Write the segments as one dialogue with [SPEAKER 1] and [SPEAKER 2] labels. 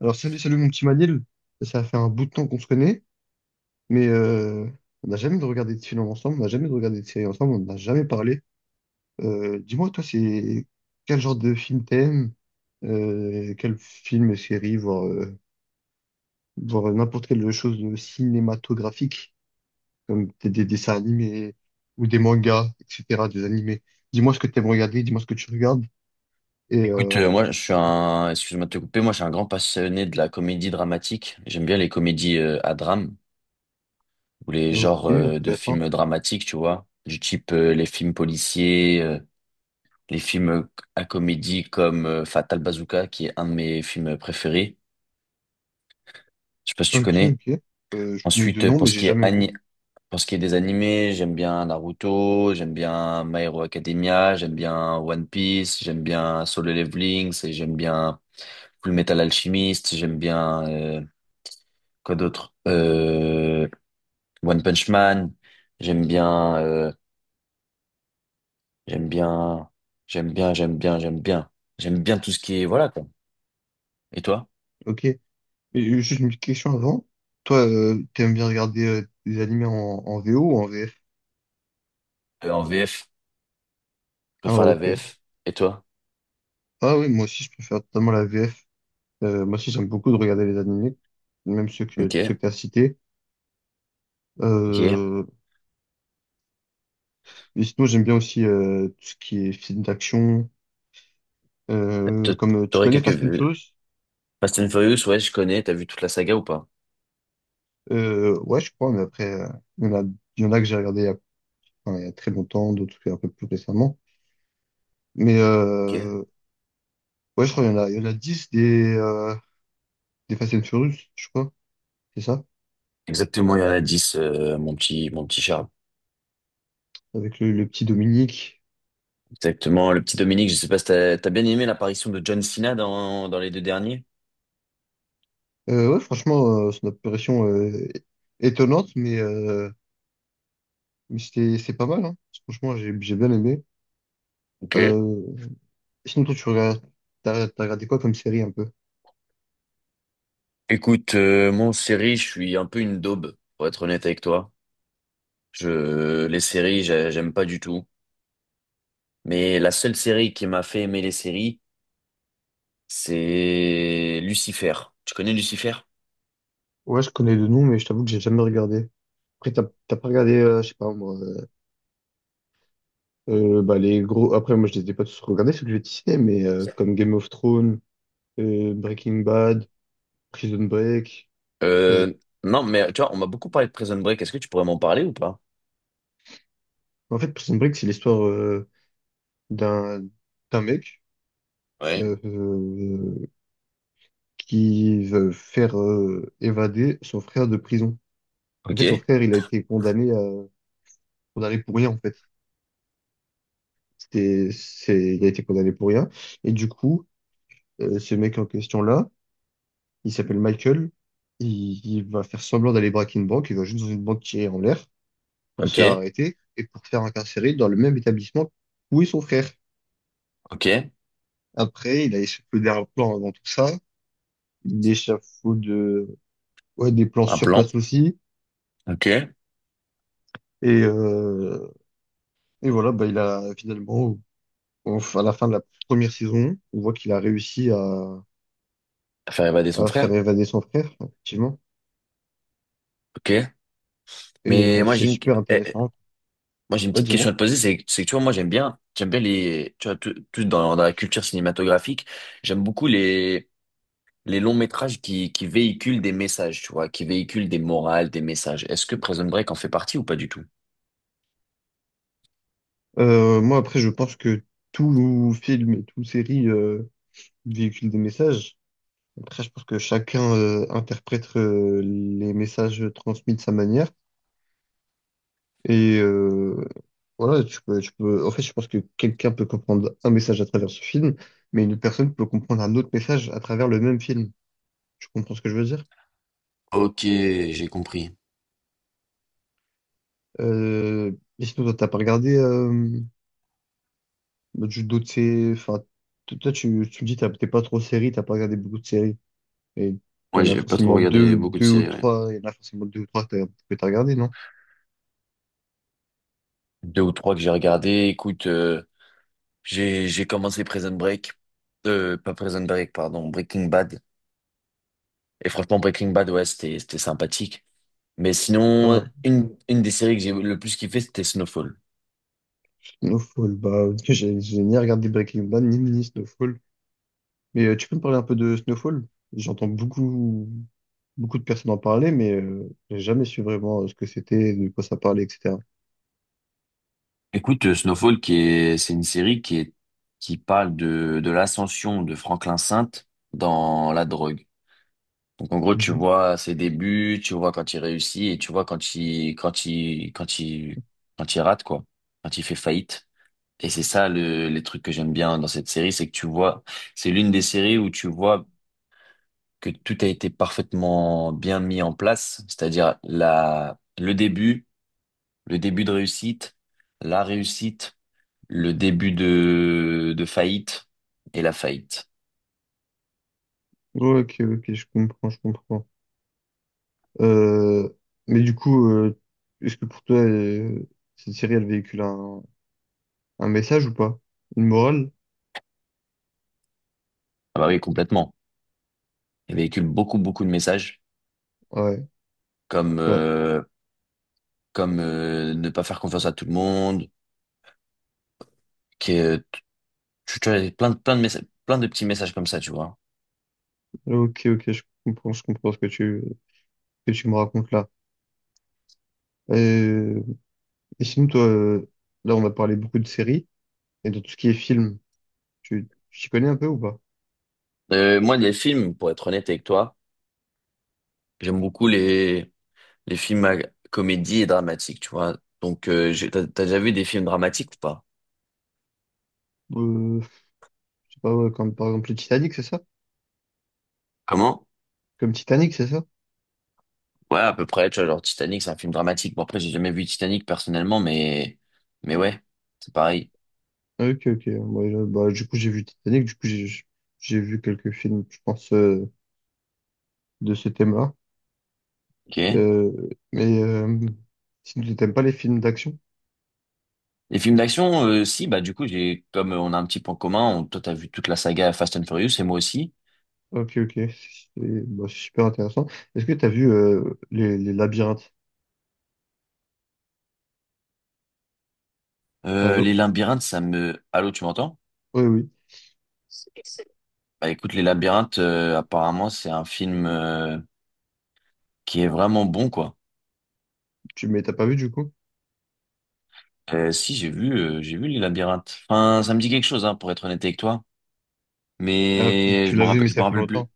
[SPEAKER 1] Alors, salut, salut mon petit Manil. Ça fait un bout de temps qu'on se connaît, mais on n'a jamais de regardé de film ensemble, on n'a jamais de regardé de série ensemble, on n'a jamais parlé. Dis-moi, toi, c'est quel genre de film t'aimes? Quel film et série, voire n'importe quelle chose de cinématographique, comme des dessins animés ou des mangas, etc., des animés. Dis-moi ce que t'aimes regarder, dis-moi ce que tu regardes. Et
[SPEAKER 2] Écoute, moi je suis
[SPEAKER 1] voilà.
[SPEAKER 2] un, excuse-moi de te couper, moi je suis un grand passionné de la comédie dramatique. J'aime bien les comédies à drame ou les
[SPEAKER 1] Ok,
[SPEAKER 2] genres de
[SPEAKER 1] intéressant.
[SPEAKER 2] films dramatiques, tu vois, du type les films policiers, les films à comédie comme Fatal Bazooka, qui est un de mes films préférés. Je sais pas si tu
[SPEAKER 1] Ok,
[SPEAKER 2] connais.
[SPEAKER 1] ok. Je connais deux
[SPEAKER 2] Ensuite,
[SPEAKER 1] noms, mais j'ai jamais vu.
[SPEAKER 2] pour ce qui est des animés, j'aime bien Naruto, j'aime bien My Hero Academia, j'aime bien One Piece, j'aime bien Solo Leveling, et j'aime bien Full Metal Alchemist, j'aime bien Quoi d'autre? One Punch Man. J'aime bien, j'aime bien, j'aime bien. J'aime bien tout ce qui est, voilà, quoi. Et toi?
[SPEAKER 1] Ok. Et juste une petite question avant. Toi, t'aimes bien regarder des animés en VO ou en VF?
[SPEAKER 2] En VF. Je
[SPEAKER 1] Ah,
[SPEAKER 2] préfère la
[SPEAKER 1] ok.
[SPEAKER 2] VF. Et toi?
[SPEAKER 1] Ah oui, moi aussi, je préfère totalement la VF. Moi aussi, j'aime beaucoup de regarder les animés, même tous ceux
[SPEAKER 2] Ok.
[SPEAKER 1] que t'as cités.
[SPEAKER 2] Ok.
[SPEAKER 1] Euh, et sinon, j'aime bien aussi tout ce qui est film d'action.
[SPEAKER 2] T-
[SPEAKER 1] Comme tu
[SPEAKER 2] T'aurais
[SPEAKER 1] connais Fast and
[SPEAKER 2] quelques...
[SPEAKER 1] Furious?
[SPEAKER 2] Fast and Furious, ouais, je connais. T'as vu toute la saga ou pas?
[SPEAKER 1] Ouais, je crois, mais après, il y en a, il y en a que j'ai regardé enfin, il y a très longtemps, d'autres un peu plus récemment. Mais
[SPEAKER 2] Ok.
[SPEAKER 1] ouais, je crois qu'il y en a 10 des Fast and Furious, je crois. C'est ça,
[SPEAKER 2] Exactement, il y en a 10 mon petit Charles.
[SPEAKER 1] avec le petit Dominique.
[SPEAKER 2] Exactement. Le petit Dominique, je sais pas si t'as bien aimé l'apparition de John Cena dans les deux derniers?
[SPEAKER 1] Ouais, franchement, son apparition étonnante, mais, mais c'est pas mal, hein. Franchement, j'ai bien aimé.
[SPEAKER 2] Ok.
[SPEAKER 1] Euh, Sinon, toi, t'as regardé quoi comme série un peu?
[SPEAKER 2] Écoute, moi, en série, je suis un peu une daube, pour être honnête avec toi. Les séries, j'aime pas du tout. Mais la seule série qui m'a fait aimer les séries, c'est Lucifer. Tu connais Lucifer?
[SPEAKER 1] Ouais, je connais le nom, mais je t'avoue que j'ai jamais regardé. Après, t'as pas regardé, je sais pas, moi. Bah, les gros. Après, moi, je les ai pas tous regardés, ceux que j'ai cités, mais comme Game of Thrones, Breaking Bad, Prison Break. Ça, j'ai-
[SPEAKER 2] Euh, non, mais tu vois, on m'a beaucoup parlé de Prison Break. Est-ce que tu pourrais m'en parler ou pas?
[SPEAKER 1] En fait, Prison Break, c'est l'histoire d'un d'un mec
[SPEAKER 2] Ouais.
[SPEAKER 1] euh, euh, qui veut faire évader son frère de prison. En fait, son
[SPEAKER 2] Ok,
[SPEAKER 1] frère, il a été condamné pour rien, en fait. Il a été condamné pour rien. Et du coup, ce mec en question-là, il s'appelle Michael. Il va faire semblant d'aller braquer une banque, il va juste dans une banque tirer en l'air, pour se
[SPEAKER 2] ok,
[SPEAKER 1] faire arrêter et pour se faire incarcérer dans le même établissement où est son frère.
[SPEAKER 2] ok.
[SPEAKER 1] Après, il a échafaudé un plan avant tout ça. Il échafaude ouais, des plans
[SPEAKER 2] Un
[SPEAKER 1] sur
[SPEAKER 2] plan.
[SPEAKER 1] place aussi.
[SPEAKER 2] Ok.
[SPEAKER 1] Et, euh, et voilà, bah, il a finalement, à la fin de la première saison, on voit qu'il a réussi à,
[SPEAKER 2] Faire évader son
[SPEAKER 1] à faire
[SPEAKER 2] frère.
[SPEAKER 1] évader son frère, effectivement.
[SPEAKER 2] Ok.
[SPEAKER 1] Et
[SPEAKER 2] Mais moi,
[SPEAKER 1] c'est
[SPEAKER 2] j'ai une...
[SPEAKER 1] super
[SPEAKER 2] eh,
[SPEAKER 1] intéressant.
[SPEAKER 2] Moi, j'ai une
[SPEAKER 1] Ouais,
[SPEAKER 2] petite
[SPEAKER 1] dis-moi.
[SPEAKER 2] question à te poser, c'est que tu vois, moi j'aime bien les, tu vois, tout dans la culture cinématographique, j'aime beaucoup les longs métrages qui véhiculent des messages, tu vois, qui véhiculent des morales, des messages. Est-ce que Prison Break en fait partie ou pas du tout?
[SPEAKER 1] Moi, après, je pense que tout film et toute série véhicule des messages. Après, je pense que chacun interprète les messages transmis de sa manière. Et voilà, En fait, je pense que quelqu'un peut comprendre un message à travers ce film, mais une personne peut comprendre un autre message à travers le même film. Tu comprends ce que je veux dire?
[SPEAKER 2] Ok, j'ai compris.
[SPEAKER 1] Euh... Et sinon, toi, t'as pas regardé enfin, toi, tu me dis, t'es pas trop série, t'as pas regardé beaucoup de séries. Et
[SPEAKER 2] Ouais,
[SPEAKER 1] t'en as
[SPEAKER 2] j'ai pas trop
[SPEAKER 1] forcément
[SPEAKER 2] regardé
[SPEAKER 1] deux,
[SPEAKER 2] beaucoup de
[SPEAKER 1] deux ou
[SPEAKER 2] séries. Ouais.
[SPEAKER 1] trois, il y en a forcément deux ou trois que t'as regardé, non?
[SPEAKER 2] Deux ou trois que j'ai regardé. Écoute, j'ai commencé Prison Break, pas Prison Break, pardon, Breaking Bad. Et franchement, Breaking Bad, ouais, c'était sympathique. Mais sinon,
[SPEAKER 1] Ah.
[SPEAKER 2] une des séries que j'ai le plus kiffé, c'était Snowfall.
[SPEAKER 1] Snowfall, bah, j'ai ni regardé Breaking Bad, ni Snowfall. Mais tu peux me parler un peu de Snowfall? J'entends beaucoup, beaucoup de personnes en parler, mais j'ai jamais su vraiment ce que c'était, de quoi ça parlait, etc.
[SPEAKER 2] Écoute, c'est une série qui parle de l'ascension de Franklin Saint dans la drogue. Donc, en gros, tu
[SPEAKER 1] Mhm.
[SPEAKER 2] vois ses débuts, tu vois quand il réussit et tu vois quand quand il rate, quoi. Quand il fait faillite. Et c'est ça le, les trucs que j'aime bien dans cette série, c'est que tu vois, c'est l'une des séries où tu vois que tout a été parfaitement bien mis en place. C'est-à-dire le début de réussite, la réussite, le début de faillite et la faillite.
[SPEAKER 1] Ouais, ok, ok, je comprends, je comprends. Euh, mais du coup, est-ce que pour toi, cette série, elle véhicule un message ou pas? Une morale?
[SPEAKER 2] Ah bah oui, complètement. Il véhicule beaucoup, beaucoup de messages
[SPEAKER 1] Ouais.
[SPEAKER 2] comme, comme ne pas faire confiance à tout le monde, que tu as plein de messages, plein de petits messages comme ça, tu vois.
[SPEAKER 1] Ok, ok, je comprends ce que que tu me racontes là. Euh, et sinon, toi, là, on a parlé beaucoup de séries, et dans tout ce qui est film, tu t'y connais un peu ou pas?
[SPEAKER 2] Moi, les films, pour être honnête avec toi, j'aime beaucoup les films à comédie et dramatiques, tu vois. Donc, t'as, t'as déjà vu des films dramatiques ou pas?
[SPEAKER 1] Euh, je sais pas, ouais, comme par exemple le Titanic, c'est ça?
[SPEAKER 2] Comment?
[SPEAKER 1] Comme Titanic, c'est ça?
[SPEAKER 2] Ouais, à peu près, tu vois, genre Titanic, c'est un film dramatique. Bon, après, j'ai jamais vu Titanic personnellement, mais ouais, c'est pareil.
[SPEAKER 1] Ah, ok, ok. Moi, bah, du coup, j'ai vu Titanic, du coup, j'ai vu quelques films, je pense, de ce thème-là.
[SPEAKER 2] Ok.
[SPEAKER 1] Euh, mais si tu n'aimes pas les films d'action,
[SPEAKER 2] Les films d'action, si, bah, du coup, comme on a un petit point commun, toi, t'as vu toute la saga Fast and Furious et moi aussi.
[SPEAKER 1] ok, ok, c'est bah, c'est super intéressant. Est-ce que tu as vu les labyrinthes? Allô.
[SPEAKER 2] Les labyrinthes, ça me, allô, tu m'entends?
[SPEAKER 1] Oui, oui.
[SPEAKER 2] Bah, écoute, les labyrinthes, apparemment, c'est un film, qui est vraiment bon, quoi.
[SPEAKER 1] Mais t'as pas vu du coup?
[SPEAKER 2] Si, j'ai vu les labyrinthes. Enfin, ça me dit quelque chose, hein, pour être honnête avec toi.
[SPEAKER 1] Ah, peut-être
[SPEAKER 2] Mais
[SPEAKER 1] tu l'as vu, mais
[SPEAKER 2] je me
[SPEAKER 1] ça fait
[SPEAKER 2] rappelle plus.
[SPEAKER 1] longtemps.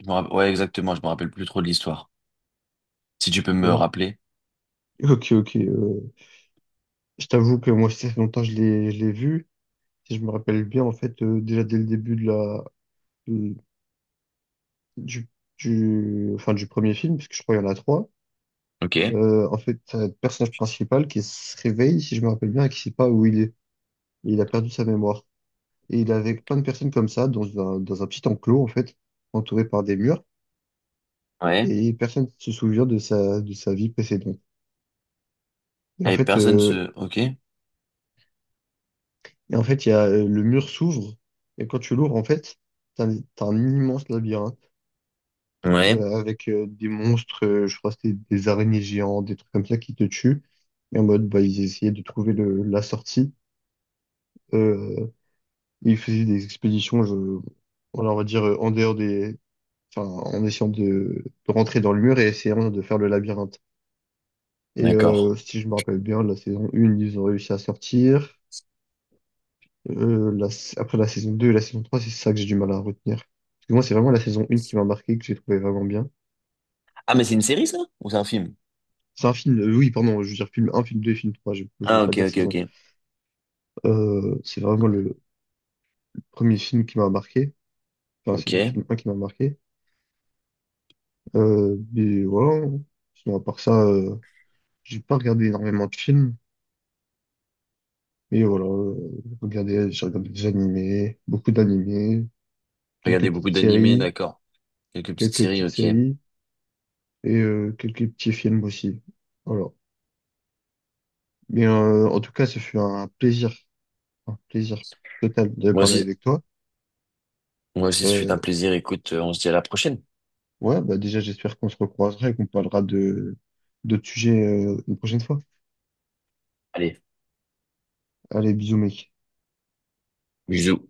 [SPEAKER 2] Ouais, exactement, je me rappelle plus trop de l'histoire. Si tu peux me
[SPEAKER 1] Ok,
[SPEAKER 2] rappeler.
[SPEAKER 1] ok. Ok, je t'avoue que moi, ça fait longtemps que je l'ai vu. Si je me rappelle bien, en fait, déjà dès le début de la, de- du, du, enfin, du premier film, parce que je crois qu'il y en a trois.
[SPEAKER 2] Ok,
[SPEAKER 1] En fait, t'as le personnage principal qui se réveille, si je me rappelle bien, et qui sait pas où il est. Et il a perdu sa mémoire. Et il est avec plein de personnes comme ça, dans un petit enclos, en fait, entouré par des murs,
[SPEAKER 2] ouais.
[SPEAKER 1] et personne ne se souvient de sa vie précédente. Et en
[SPEAKER 2] Et
[SPEAKER 1] fait,
[SPEAKER 2] personne
[SPEAKER 1] euh,
[SPEAKER 2] se... Ok.
[SPEAKER 1] Et en fait, le mur s'ouvre, et quand tu l'ouvres, en fait, t'as un immense labyrinthe
[SPEAKER 2] Ouais,
[SPEAKER 1] avec des monstres, je crois que c'était des araignées géantes, des trucs comme ça qui te tuent. Et en mode, bah, ils essayaient de trouver la sortie. Euh, Ils faisaient des expéditions, voilà, on va dire, en dehors des. Enfin, en essayant de rentrer dans le mur et essayant de faire le labyrinthe. Et
[SPEAKER 2] d'accord.
[SPEAKER 1] si je me rappelle bien, la saison 1, ils ont réussi à sortir. Après la saison 2 et la saison trois, c'est ça que j'ai du mal à retenir. Parce que moi, c'est vraiment la saison 1 qui m'a marqué, que j'ai trouvé vraiment bien.
[SPEAKER 2] Ah, mais c'est une série, ça? Ou c'est un film?
[SPEAKER 1] C'est un film, oui, pardon, je veux dire film un, film deux, film trois, je ne voulais
[SPEAKER 2] Ah,
[SPEAKER 1] pas
[SPEAKER 2] ok,
[SPEAKER 1] dire
[SPEAKER 2] ok,
[SPEAKER 1] saison.
[SPEAKER 2] ok.
[SPEAKER 1] C'est vraiment le premier film qui m'a marqué. Enfin, c'est le
[SPEAKER 2] Ok.
[SPEAKER 1] film un qui m'a marqué. Mais voilà. Sinon, à part ça, j'ai pas regardé énormément de films. Mais voilà, j'ai regardé des animés, beaucoup d'animés, quelques
[SPEAKER 2] Regardez beaucoup
[SPEAKER 1] petites
[SPEAKER 2] d'animés,
[SPEAKER 1] séries,
[SPEAKER 2] d'accord. Quelques petites
[SPEAKER 1] quelques
[SPEAKER 2] séries,
[SPEAKER 1] petites
[SPEAKER 2] ok.
[SPEAKER 1] séries et quelques petits films aussi. Voilà. Mais en tout cas, ce fut un plaisir total de
[SPEAKER 2] Moi
[SPEAKER 1] parler
[SPEAKER 2] aussi,
[SPEAKER 1] avec toi.
[SPEAKER 2] moi aussi, ce fut
[SPEAKER 1] Euh,
[SPEAKER 2] un plaisir. Écoute, on se dit à la prochaine.
[SPEAKER 1] ouais, bah déjà, j'espère qu'on se recroisera et qu'on parlera de d'autres sujets une prochaine fois.
[SPEAKER 2] Allez,
[SPEAKER 1] Allez, bisous, mec.
[SPEAKER 2] bisous.